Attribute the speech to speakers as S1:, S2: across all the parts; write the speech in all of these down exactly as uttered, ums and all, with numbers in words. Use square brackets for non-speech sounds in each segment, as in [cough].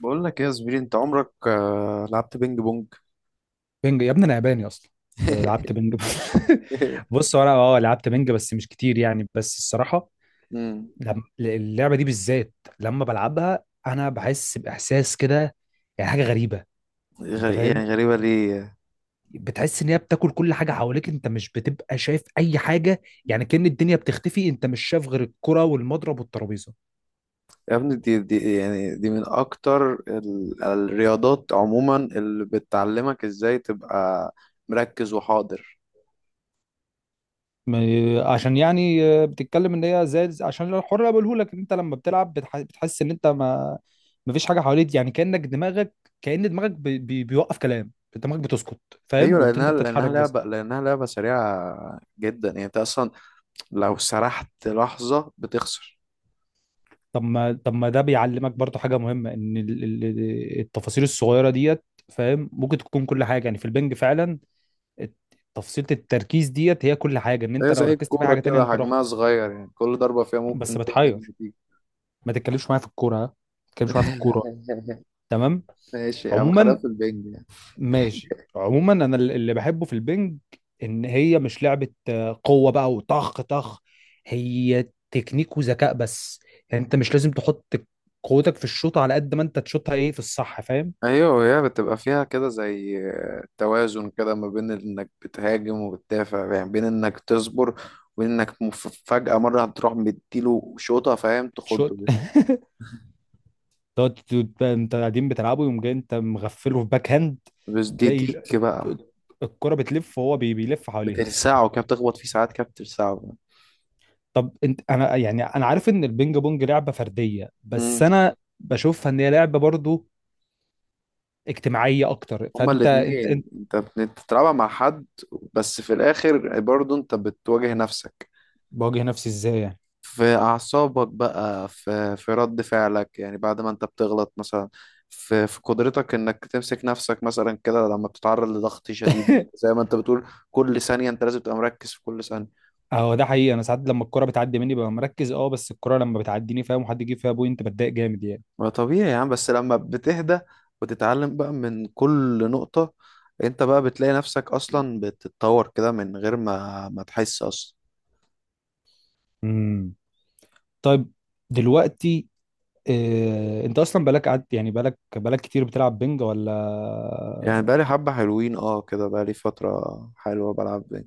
S1: بقول لك ايه يا زميلي، انت عمرك آه، لعبت بينج بونج؟
S2: بنج يا ابني انا ياباني اصلا. كنت لعبت
S1: [laughs]
S2: بنج [laughs] بص هو انا اه لعبت بنج بس مش كتير، يعني بس الصراحه
S1: امم.
S2: لما اللعبه دي بالذات، لما بلعبها انا بحس باحساس كده، يعني حاجه غريبه. انت
S1: غري... يعني
S2: فاهم؟
S1: غريبة ليه؟
S2: بتحس ان هي بتاكل كل حاجه حواليك، انت مش بتبقى شايف اي حاجه، يعني كأن الدنيا بتختفي، انت مش شايف غير الكره والمضرب والترابيزه.
S1: يا ابني دي, دي يعني دي من اكتر ال... الرياضات عموما اللي بتعلمك ازاي تبقى مركز وحاضر.
S2: ما- عشان يعني، آه، بتتكلم ان هي زي عشان الحر بقوله لك ان انت لما بتلعب بتح- بتحس ان انت ما. مفيش حاجه حواليك، يعني كانك دماغك، كأن دماغك بي بي بيوقف، كلام دماغك بتسكت.
S1: ايوه،
S2: فاهم؟ وانت
S1: لانها
S2: بتتحرك
S1: لانها
S2: بس.
S1: لعبة لانها لعبة سريعة جدا، يعني انت اصلا لو سرحت لحظة بتخسر.
S2: طب ما طب ما ده بيعلمك برضو حاجه مهمه، ان ال- ال- التفاصيل الصغيره ديت، فاهم؟ ممكن تكون كل حاجه، يعني في البنج فعلا. الت- تفصيلة التركيز ديت هي كل حاجه، ان
S1: هي
S2: انت لو
S1: زي
S2: ركزت في
S1: الكورة
S2: حاجه تانية
S1: كده،
S2: انت رحت،
S1: حجمها صغير، يعني كل ضربة فيها
S2: بس
S1: ممكن تقلب
S2: بتحير.
S1: النتيجة.
S2: ما تتكلمش معايا في الكوره، ها؟ ما تتكلمش معايا في الكوره.
S1: [laughs]
S2: تمام.
S1: ماشي يا عم، خلاف
S2: عموما
S1: البنج يعني.
S2: ماشي، عموما انا الل- اللي بحبه في البنج ان هي مش لعبه آه، قوه بقى وطخ طخ، هي تكنيك وذكاء بس. يعني انت مش لازم تحط قوتك في الشوط، على قد ما انت تشوطها ايه في الصح، فاهم؟
S1: ايوه، وهي بتبقى فيها كده زي توازن كده ما بين انك بتهاجم وبتدافع، يعني بين انك تصبر وبين انك مف- فجأة مرة هتروح مديله شوطة، فاهم؟
S2: تشوط
S1: تخضه
S2: [laughs]
S1: دي.
S2: تقعد ت- ت- انت قاعدين بتلعبوا، يوم جاي انت مغفله في باك هاند،
S1: بس دي
S2: تلاقي ال-
S1: ديك بقى.
S2: الك- الكرة بتلف وهو بي- بيلف حواليها.
S1: بتلسعه كده، بتخبط فيه ساعات كده بتلسعه.
S2: طب انت انا، يعني انا عارف ان البينج بونج لعبة فردية، بس
S1: امم.
S2: انا بشوفها ان هي لعبة برضو اجتماعيه اكتر،
S1: هما
S2: فانت انت
S1: الاتنين،
S2: انت
S1: انت بتلعبها مع حد بس في الاخر برضه انت بتواجه نفسك.
S2: بواجه نفسي ازاي يعني؟
S1: في أعصابك بقى، في في رد فعلك، يعني بعد ما أنت بتغلط مثلا، في في قدرتك إنك تمسك نفسك مثلا كده لما بتتعرض لضغط شديد،
S2: [laughs]
S1: زي ما أنت بتقول كل ثانية أنت لازم تبقى مركز في كل ثانية.
S2: اهو ده حقيقي، انا ساعات لما الكرة بتعدي مني ببقى مركز، اه، بس الكرة لما بتعديني فاهم، وحد يجيب فيها بوينت بتضايق جامد يعني.
S1: ما طبيعي يا عم، بس لما بتهدى وتتعلم بقى من كل نقطة، أنت بقى بتلاقي نفسك أصلا بتتطور كده من غير ما ما تحس أصلا.
S2: امم. طيب، دلوقتي، آه، انت اصلا بقالك قعدت، يعني بقالك بقالك كتير بتلعب بنج ولا؟
S1: يعني بقالي حبة حلوين، اه كده بقالي فترة حلوة بلعب بينج.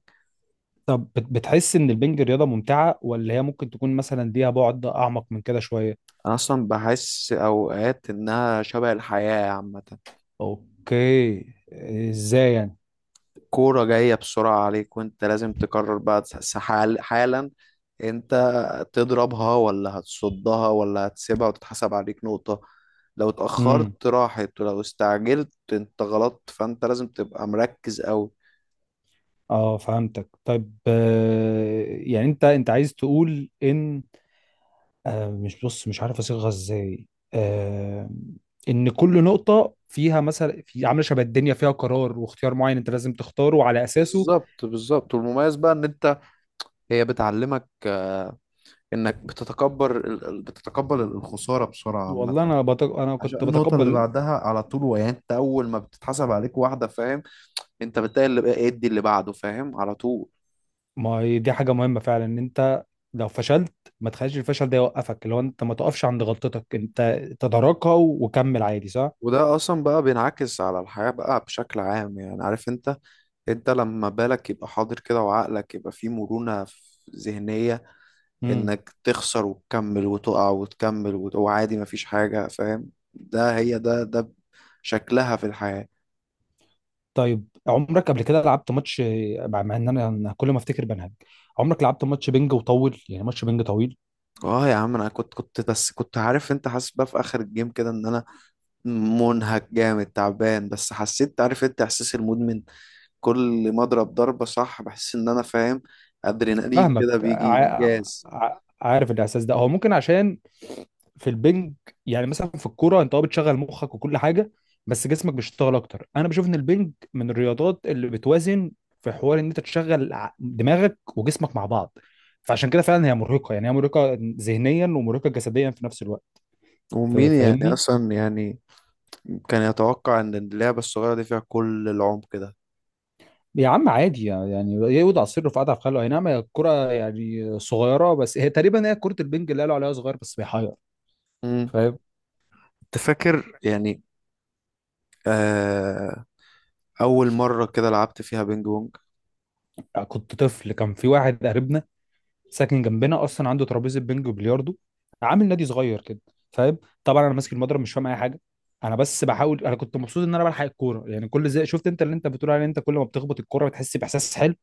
S2: طب بت- بتحس ان البنج رياضة ممتعة، ولا هي ممكن تكون مثلا ليها بعد اعمق من كده شوية؟
S1: أنا أصلا بحس أوقات إنها شبه الحياة عامة.
S2: اوكي، ازاي
S1: كورة جاية بسرعة عليك، وانت لازم تقرر بقى، تس- حال- حالا انت تضربها ولا هتصدها ولا هتسيبها وتتحسب عليك نقطة. لو
S2: يعني؟
S1: اتأخرت راحت، ولو استعجلت انت غلطت، فانت لازم تبقى مركز قوي.
S2: اه فهمتك، طيب، آه، يعني انت انت عايز تقول ان، آه، مش، بص مش عارف اصيغها ازاي، آه، ان كل نقطة فيها مثلا، في عاملة شبه الدنيا، فيها قرار واختيار معين انت لازم تختاره وعلى اساسه.
S1: بالظبط بالظبط. والمميز بقى ان انت، هي بتعلمك، آه، انك بتتكبر ال- ال- بتتقبل الخسارة بسرعة
S2: والله
S1: عامة،
S2: انا بتق... انا
S1: عشان
S2: كنت
S1: النقطة اللي
S2: بتقبل.
S1: بعدها على طول. يعني انت اول ما بتتحسب عليك واحدة، فاهم؟ انت بتلاقي اللي بقى ادي اللي بعده، فاهم؟ على طول.
S2: ما هي دي حاجة مهمة فعلا، ان انت لو فشلت ما تخليش الفشل ده يوقفك، اللي هو انت ما تقفش عند غلطتك، انت تداركها وكمل عادي، صح؟
S1: وده اصلا بقى بينعكس على الحياة بقى بشكل عام، يعني عارف انت، انت لما بالك يبقى حاضر كده وعقلك يبقى فيه مرونة في ذهنية،
S2: مم.
S1: انك تخسر وتكمل وتقع وتكمل وت- وعادي مفيش حاجة، فاهم؟ ده هي ده ده شكلها في الحياة.
S2: طيب، عمرك قبل كده لعبت ماتش مع؟ مع ان انا أنا كل ما افتكر بنهج، عمرك لعبت ماتش بينج وطول، يعني ماتش بينج طويل؟
S1: اه يا عم، انا كنت كنت بس كنت عارف انت، حاسس بقى في اخر الجيم كده ان انا منهك جامد تعبان، بس حسيت عارف انت احساس المدمن. كل ما اضرب ضربة صح بحس ان انا فاهم، ادرينالين
S2: فاهمك،
S1: كده بيجي،
S2: ع...
S1: انجاز.
S2: ع... عارف الاحساس ده، هو ممكن عشان في البنج، يعني مثلا في الكوره انت اه بتشغل مخك وكل حاجه، بس جسمك بيشتغل اكتر. انا بشوف ان البنج من الرياضات اللي بتوازن، في حوار ان انت تشغل ع- دماغك وجسمك مع بعض، فعشان كده فعلا هي مرهقه، يعني هي مرهقه ذهنيا ومرهقه جسديا في نفس الوقت. ف-
S1: ومين يعني
S2: فاهمني؟
S1: اصلا يعني كان يتوقع ان اللعبه الصغيره دي فيها كل العمق ده؟
S2: يا عم عادي، يعني يقعد على السر وقعد على خاله، اي نعم هي الكرة يعني صغيرة، بس هي تقريبا، هي كرة البنج اللي قالوا عليها صغير بس بيحير،
S1: امم.
S2: فاهم؟
S1: انت فاكر يعني، آه اول مره كده لعبت فيها بينج بونج؟
S2: يعني كنت طفل، كان في واحد قريبنا ساكن جنبنا، اصلا عنده ترابيزة بنج وبلياردو، عامل نادي صغير كده، فاهم؟ طبعا انا ماسك المضرب مش فاهم اي حاجة، انا بس بحاول، انا كنت مبسوط ان انا بلحق الكورة، يعني كل زي شفت انت اللي انت بتقول عليه، انت كل ما بتخبط الكورة بتحس باحساس حلو،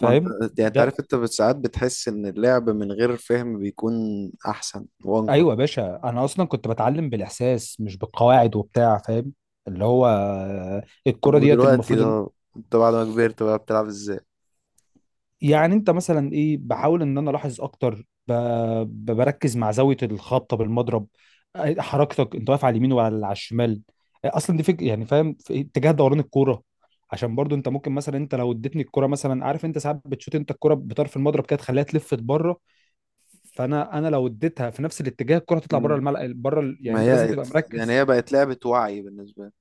S1: ما انت، يعني انت
S2: ده؟
S1: عارف انت ساعات بتحس ان اللعب من غير فهم بيكون احسن وانقى.
S2: ايوه يا باشا، انا اصلا كنت بتعلم بالاحساس مش بالقواعد وبتاع، فاهم؟ اللي هو آه،
S1: طب
S2: الكرة ديت
S1: ودلوقتي
S2: المفروض إن-.
S1: ده، انت بعد ما كبرت بقى بتلعب ازاي؟
S2: يعني انت مثلا ايه، بحاول ان انا الاحظ اكتر، ب- ب- بركز مع زاوية الخبطة بالمضرب، آه، حركتك، انت واقف على اليمين ولا على الشمال، آه، اصلا دي فكرة، يعني فاهم؟ في اتجاه دوران الكورة، عشان برضو انت ممكن مثلا، انت لو اديتني الكرة مثلا، عارف انت ساعات بتشوت انت الكرة بطرف المضرب كده تخليها تلف بره، فانا انا لو اديتها في نفس الاتجاه الكرة هتطلع بره
S1: مم.
S2: الملعب، بره ال- يعني
S1: ما
S2: انت لازم
S1: هي،
S2: تبقى
S1: يعني
S2: مركز.
S1: هي بقت لعبه وعي بالنسبه لي.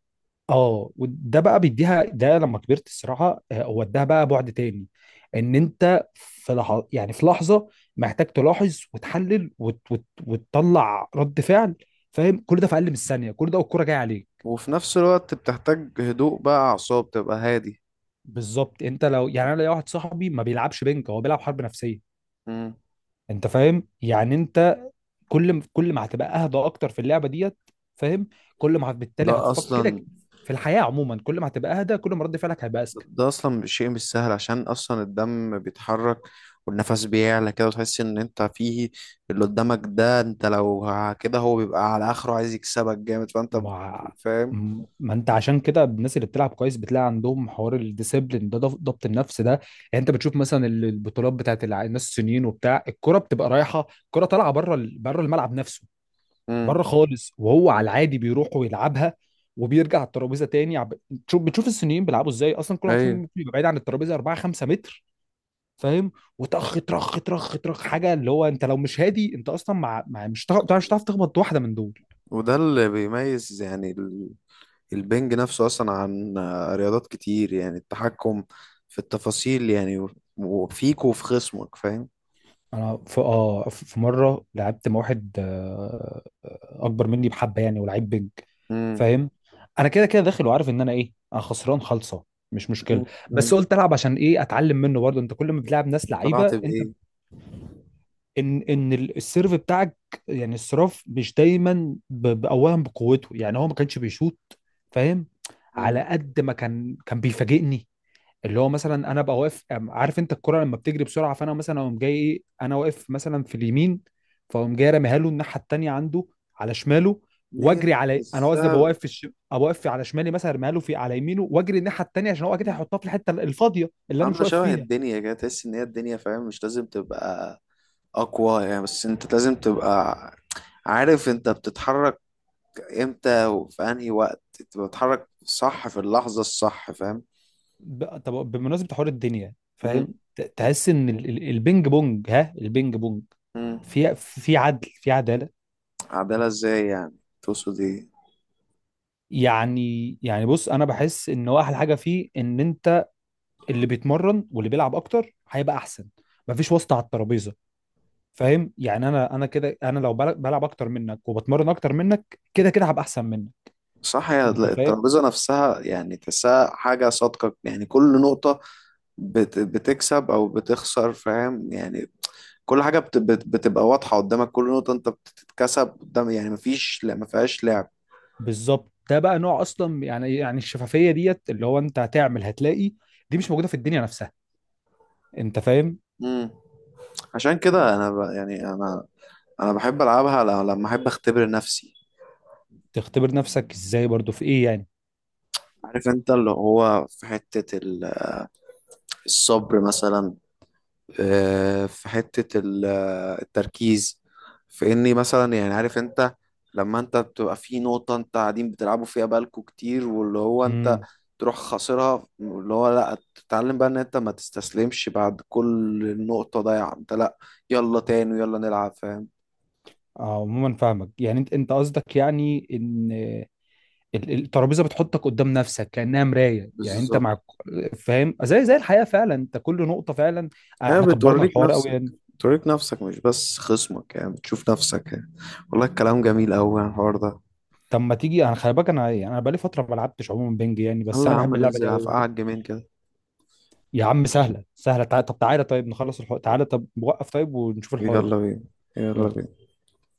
S2: اه، وده بقى بيديها، ده لما كبرت الصراحه، آه، وداها بقى بعد تاني، ان انت في لحظه، يعني في لحظه محتاج تلاحظ وتحلل وت... وت... وتطلع رد فعل، فاهم؟ كل ده في اقل من الثانيه، كل ده والكوره جايه عليك.
S1: وفي نفس الوقت بتحتاج هدوء بقى، اعصاب تبقى هادي.
S2: بالظبط، انت لو يعني، انا ليا واحد صاحبي ما بيلعبش بنك، هو بيلعب حرب نفسيه.
S1: مم.
S2: انت فاهم؟ يعني انت كل ما- كل ما هتبقى اهدى اكتر في اللعبه ديت، فاهم؟ كل ما هت- بالتالي
S1: ده
S2: هتفكر كده،
S1: اصلا،
S2: في الحياه عموما كل ما هتبقى اهدى، كل ما رد فعلك هيبقى اذكى.
S1: ده اصلا شيء مش سهل، عشان اصلا الدم بيتحرك والنفس بيعلى كده، وتحس ان انت فيه اللي قدامك ده، انت لو ه- كده هو بيبقى على اخره عايز يكسبك جامد، فانت بت-
S2: ما
S1: فاهم.
S2: م- ما انت عشان كده الناس اللي بتلعب كويس بتلاقي عندهم حوار الديسيبلين ده، ضف- ضبط النفس ده يعني. انت بتشوف مثلا ال- البطولات بتاعت الع- الناس الصينيين وبتاع، الكرة بتبقى رايحة، الكرة طالعة بره ال- بره الملعب نفسه،
S1: امم.
S2: بره خالص، وهو على العادي بيروح ويلعبها وبيرجع على الترابيزة تاني عب- تشوف بتشوف الصينيين بيلعبوا ازاي، اصلا كل واحد فيهم
S1: ايوه،
S2: ممكن يبقى بعيد عن الترابيزة اربعة خمسة متر، فاهم؟ وطخ طخ طخ طخ حاجه، اللي هو انت لو مش هادي انت اصلا مع, مع، مش هتعرف مش هتعرف تخبط واحده من دول.
S1: وده اللي بيميز يعني ال- البنج نفسه اصلا عن آه، رياضات كتير، يعني التحكم في التفاصيل يعني، و- وفيك وفي خصمك، فاهم.
S2: انا في اه في في مره لعبت مع واحد، آه، اكبر مني بحبه يعني، ولعيب بيج،
S1: امم.
S2: فاهم؟ انا كده كده داخل وعارف ان انا ايه، انا خسران خالصه، مش مشكله،
S1: أمم، أمم.
S2: بس قلت العب عشان ايه؟ اتعلم منه برضه، انت كل ما بتلعب ناس
S1: طلعت
S2: لعيبه انت،
S1: بايه؟
S2: ان ان ال- السيرف بتاعك، يعني الصراف مش دايما ب- ب- اولا بقوته، يعني هو ما كانش بيشوط، فاهم؟
S1: امم.
S2: على قد ما كان كان بيفاجئني، اللي هو مثلا انا ابقى واقف، أم- عارف انت الكرة لما بتجري بسرعة، فانا مثلا اقوم جاي ايه، انا واقف مثلا في اليمين، فاقوم جاي راميها له الناحية التانية عنده، على شماله،
S1: نيل
S2: واجري على، انا
S1: بس.
S2: قصدي ابقى واقف في الش... ابقى واقف على شمالي، مثلا ارميها له في على يمينه واجري الناحية التانية، عشان هو اكيد هيحطها في الحتة الفاضية اللي انا مش
S1: عاملة
S2: واقف
S1: شبه
S2: فيها.
S1: الدنيا كده، تحس إن هي الدنيا، فاهم؟ مش لازم تبقى أقوى يعني، بس أنت لازم تبقى عارف أنت بتتحرك إمتى، وفي أنهي وقت أنت بتتحرك صح في اللحظة الصح، فاهم؟
S2: ب... طب بمناسبة حوار الدنيا، فاهم؟
S1: مم.
S2: ت- تحس ان ال- ال- البينج بونج، ها البينج بونج
S1: مم.
S2: في في عدل، في عدالة.
S1: عدالة إزاي يعني؟ تقصد إيه؟
S2: يعني يعني بص انا بحس ان هو احلى حاجة فيه، ان انت اللي بيتمرن واللي بيلعب اكتر هيبقى احسن، مفيش واسطه على الترابيزه، فاهم؟ يعني انا انا كده، انا لو بل- بلعب اكتر منك وبتمرن اكتر منك كده كده هبقى احسن منك.
S1: صح. هي
S2: انت فاهم؟
S1: الترابيزة نفسها يعني تحسها حاجة صادقة. يعني كل نقطة بت- بتكسب او بتخسر، فاهم يعني؟ كل حاجه بت- بت- بتبقى واضحه قدامك. كل نقطه انت بتتكسب قدام، يعني مفيش لا، ما فيهاش لعب.
S2: بالظبط، ده بقى نوع اصلا، يعني يعني الشفافيه ديت، اللي هو انت هتعمل هتلاقي دي مش موجوده في الدنيا نفسها. انت فاهم؟
S1: امم. عشان كده انا ب... يعني انا انا بحب العبها ل- لما احب اختبر نفسي.
S2: تختبر نفسك ازاي برضو، في ايه يعني؟
S1: عارف انت، اللي هو في حتة ال- الصبر مثلا، آه، في حتة ال- التركيز، في اني مثلا يعني عارف انت، لما انت بتبقى في نقطة انت قاعدين بتلعبوا فيها بالكوا كتير، واللي هو انت
S2: امم.
S1: تروح خاسرها، اللي هو لا تتعلم بقى ان انت ما تستسلمش. بعد كل نقطة ضايعة انت، لا، يلا تاني ويلا نلعب، فاهم؟
S2: عموما فاهمك، يعني انت انت قصدك يعني ان ال- الترابيزه بتحطك قدام نفسك كانها مرايه، يعني انت
S1: بالظبط.
S2: مع، فاهم؟ زي زي الحياه فعلا، انت كل نقطه فعلا، آه،
S1: لا،
S2: احنا كبرنا
S1: بتوريك
S2: الحوار قوي
S1: نفسك.
S2: يعني.
S1: بتوريك نفسك مش بس خصمك، يعني بتشوف نفسك يعني. والله الكلام جميل أوي عن الحوار ده.
S2: طب ما تيجي، انا خلي بالك انا، يعني انا بقالي فتره ما لعبتش عموما بنج، يعني بس
S1: يلا
S2: انا
S1: يا عم
S2: بحب اللعبه دي
S1: ننزل على
S2: قوي بحب...
S1: قعد جيمين كده.
S2: يا عم سهله سهله، تع... طب تعالى، طيب نخلص الحوار، تعالى، طب وقف، طيب ونشوف الحوار ده،
S1: يلا بينا. يلا
S2: يلا.
S1: بينا.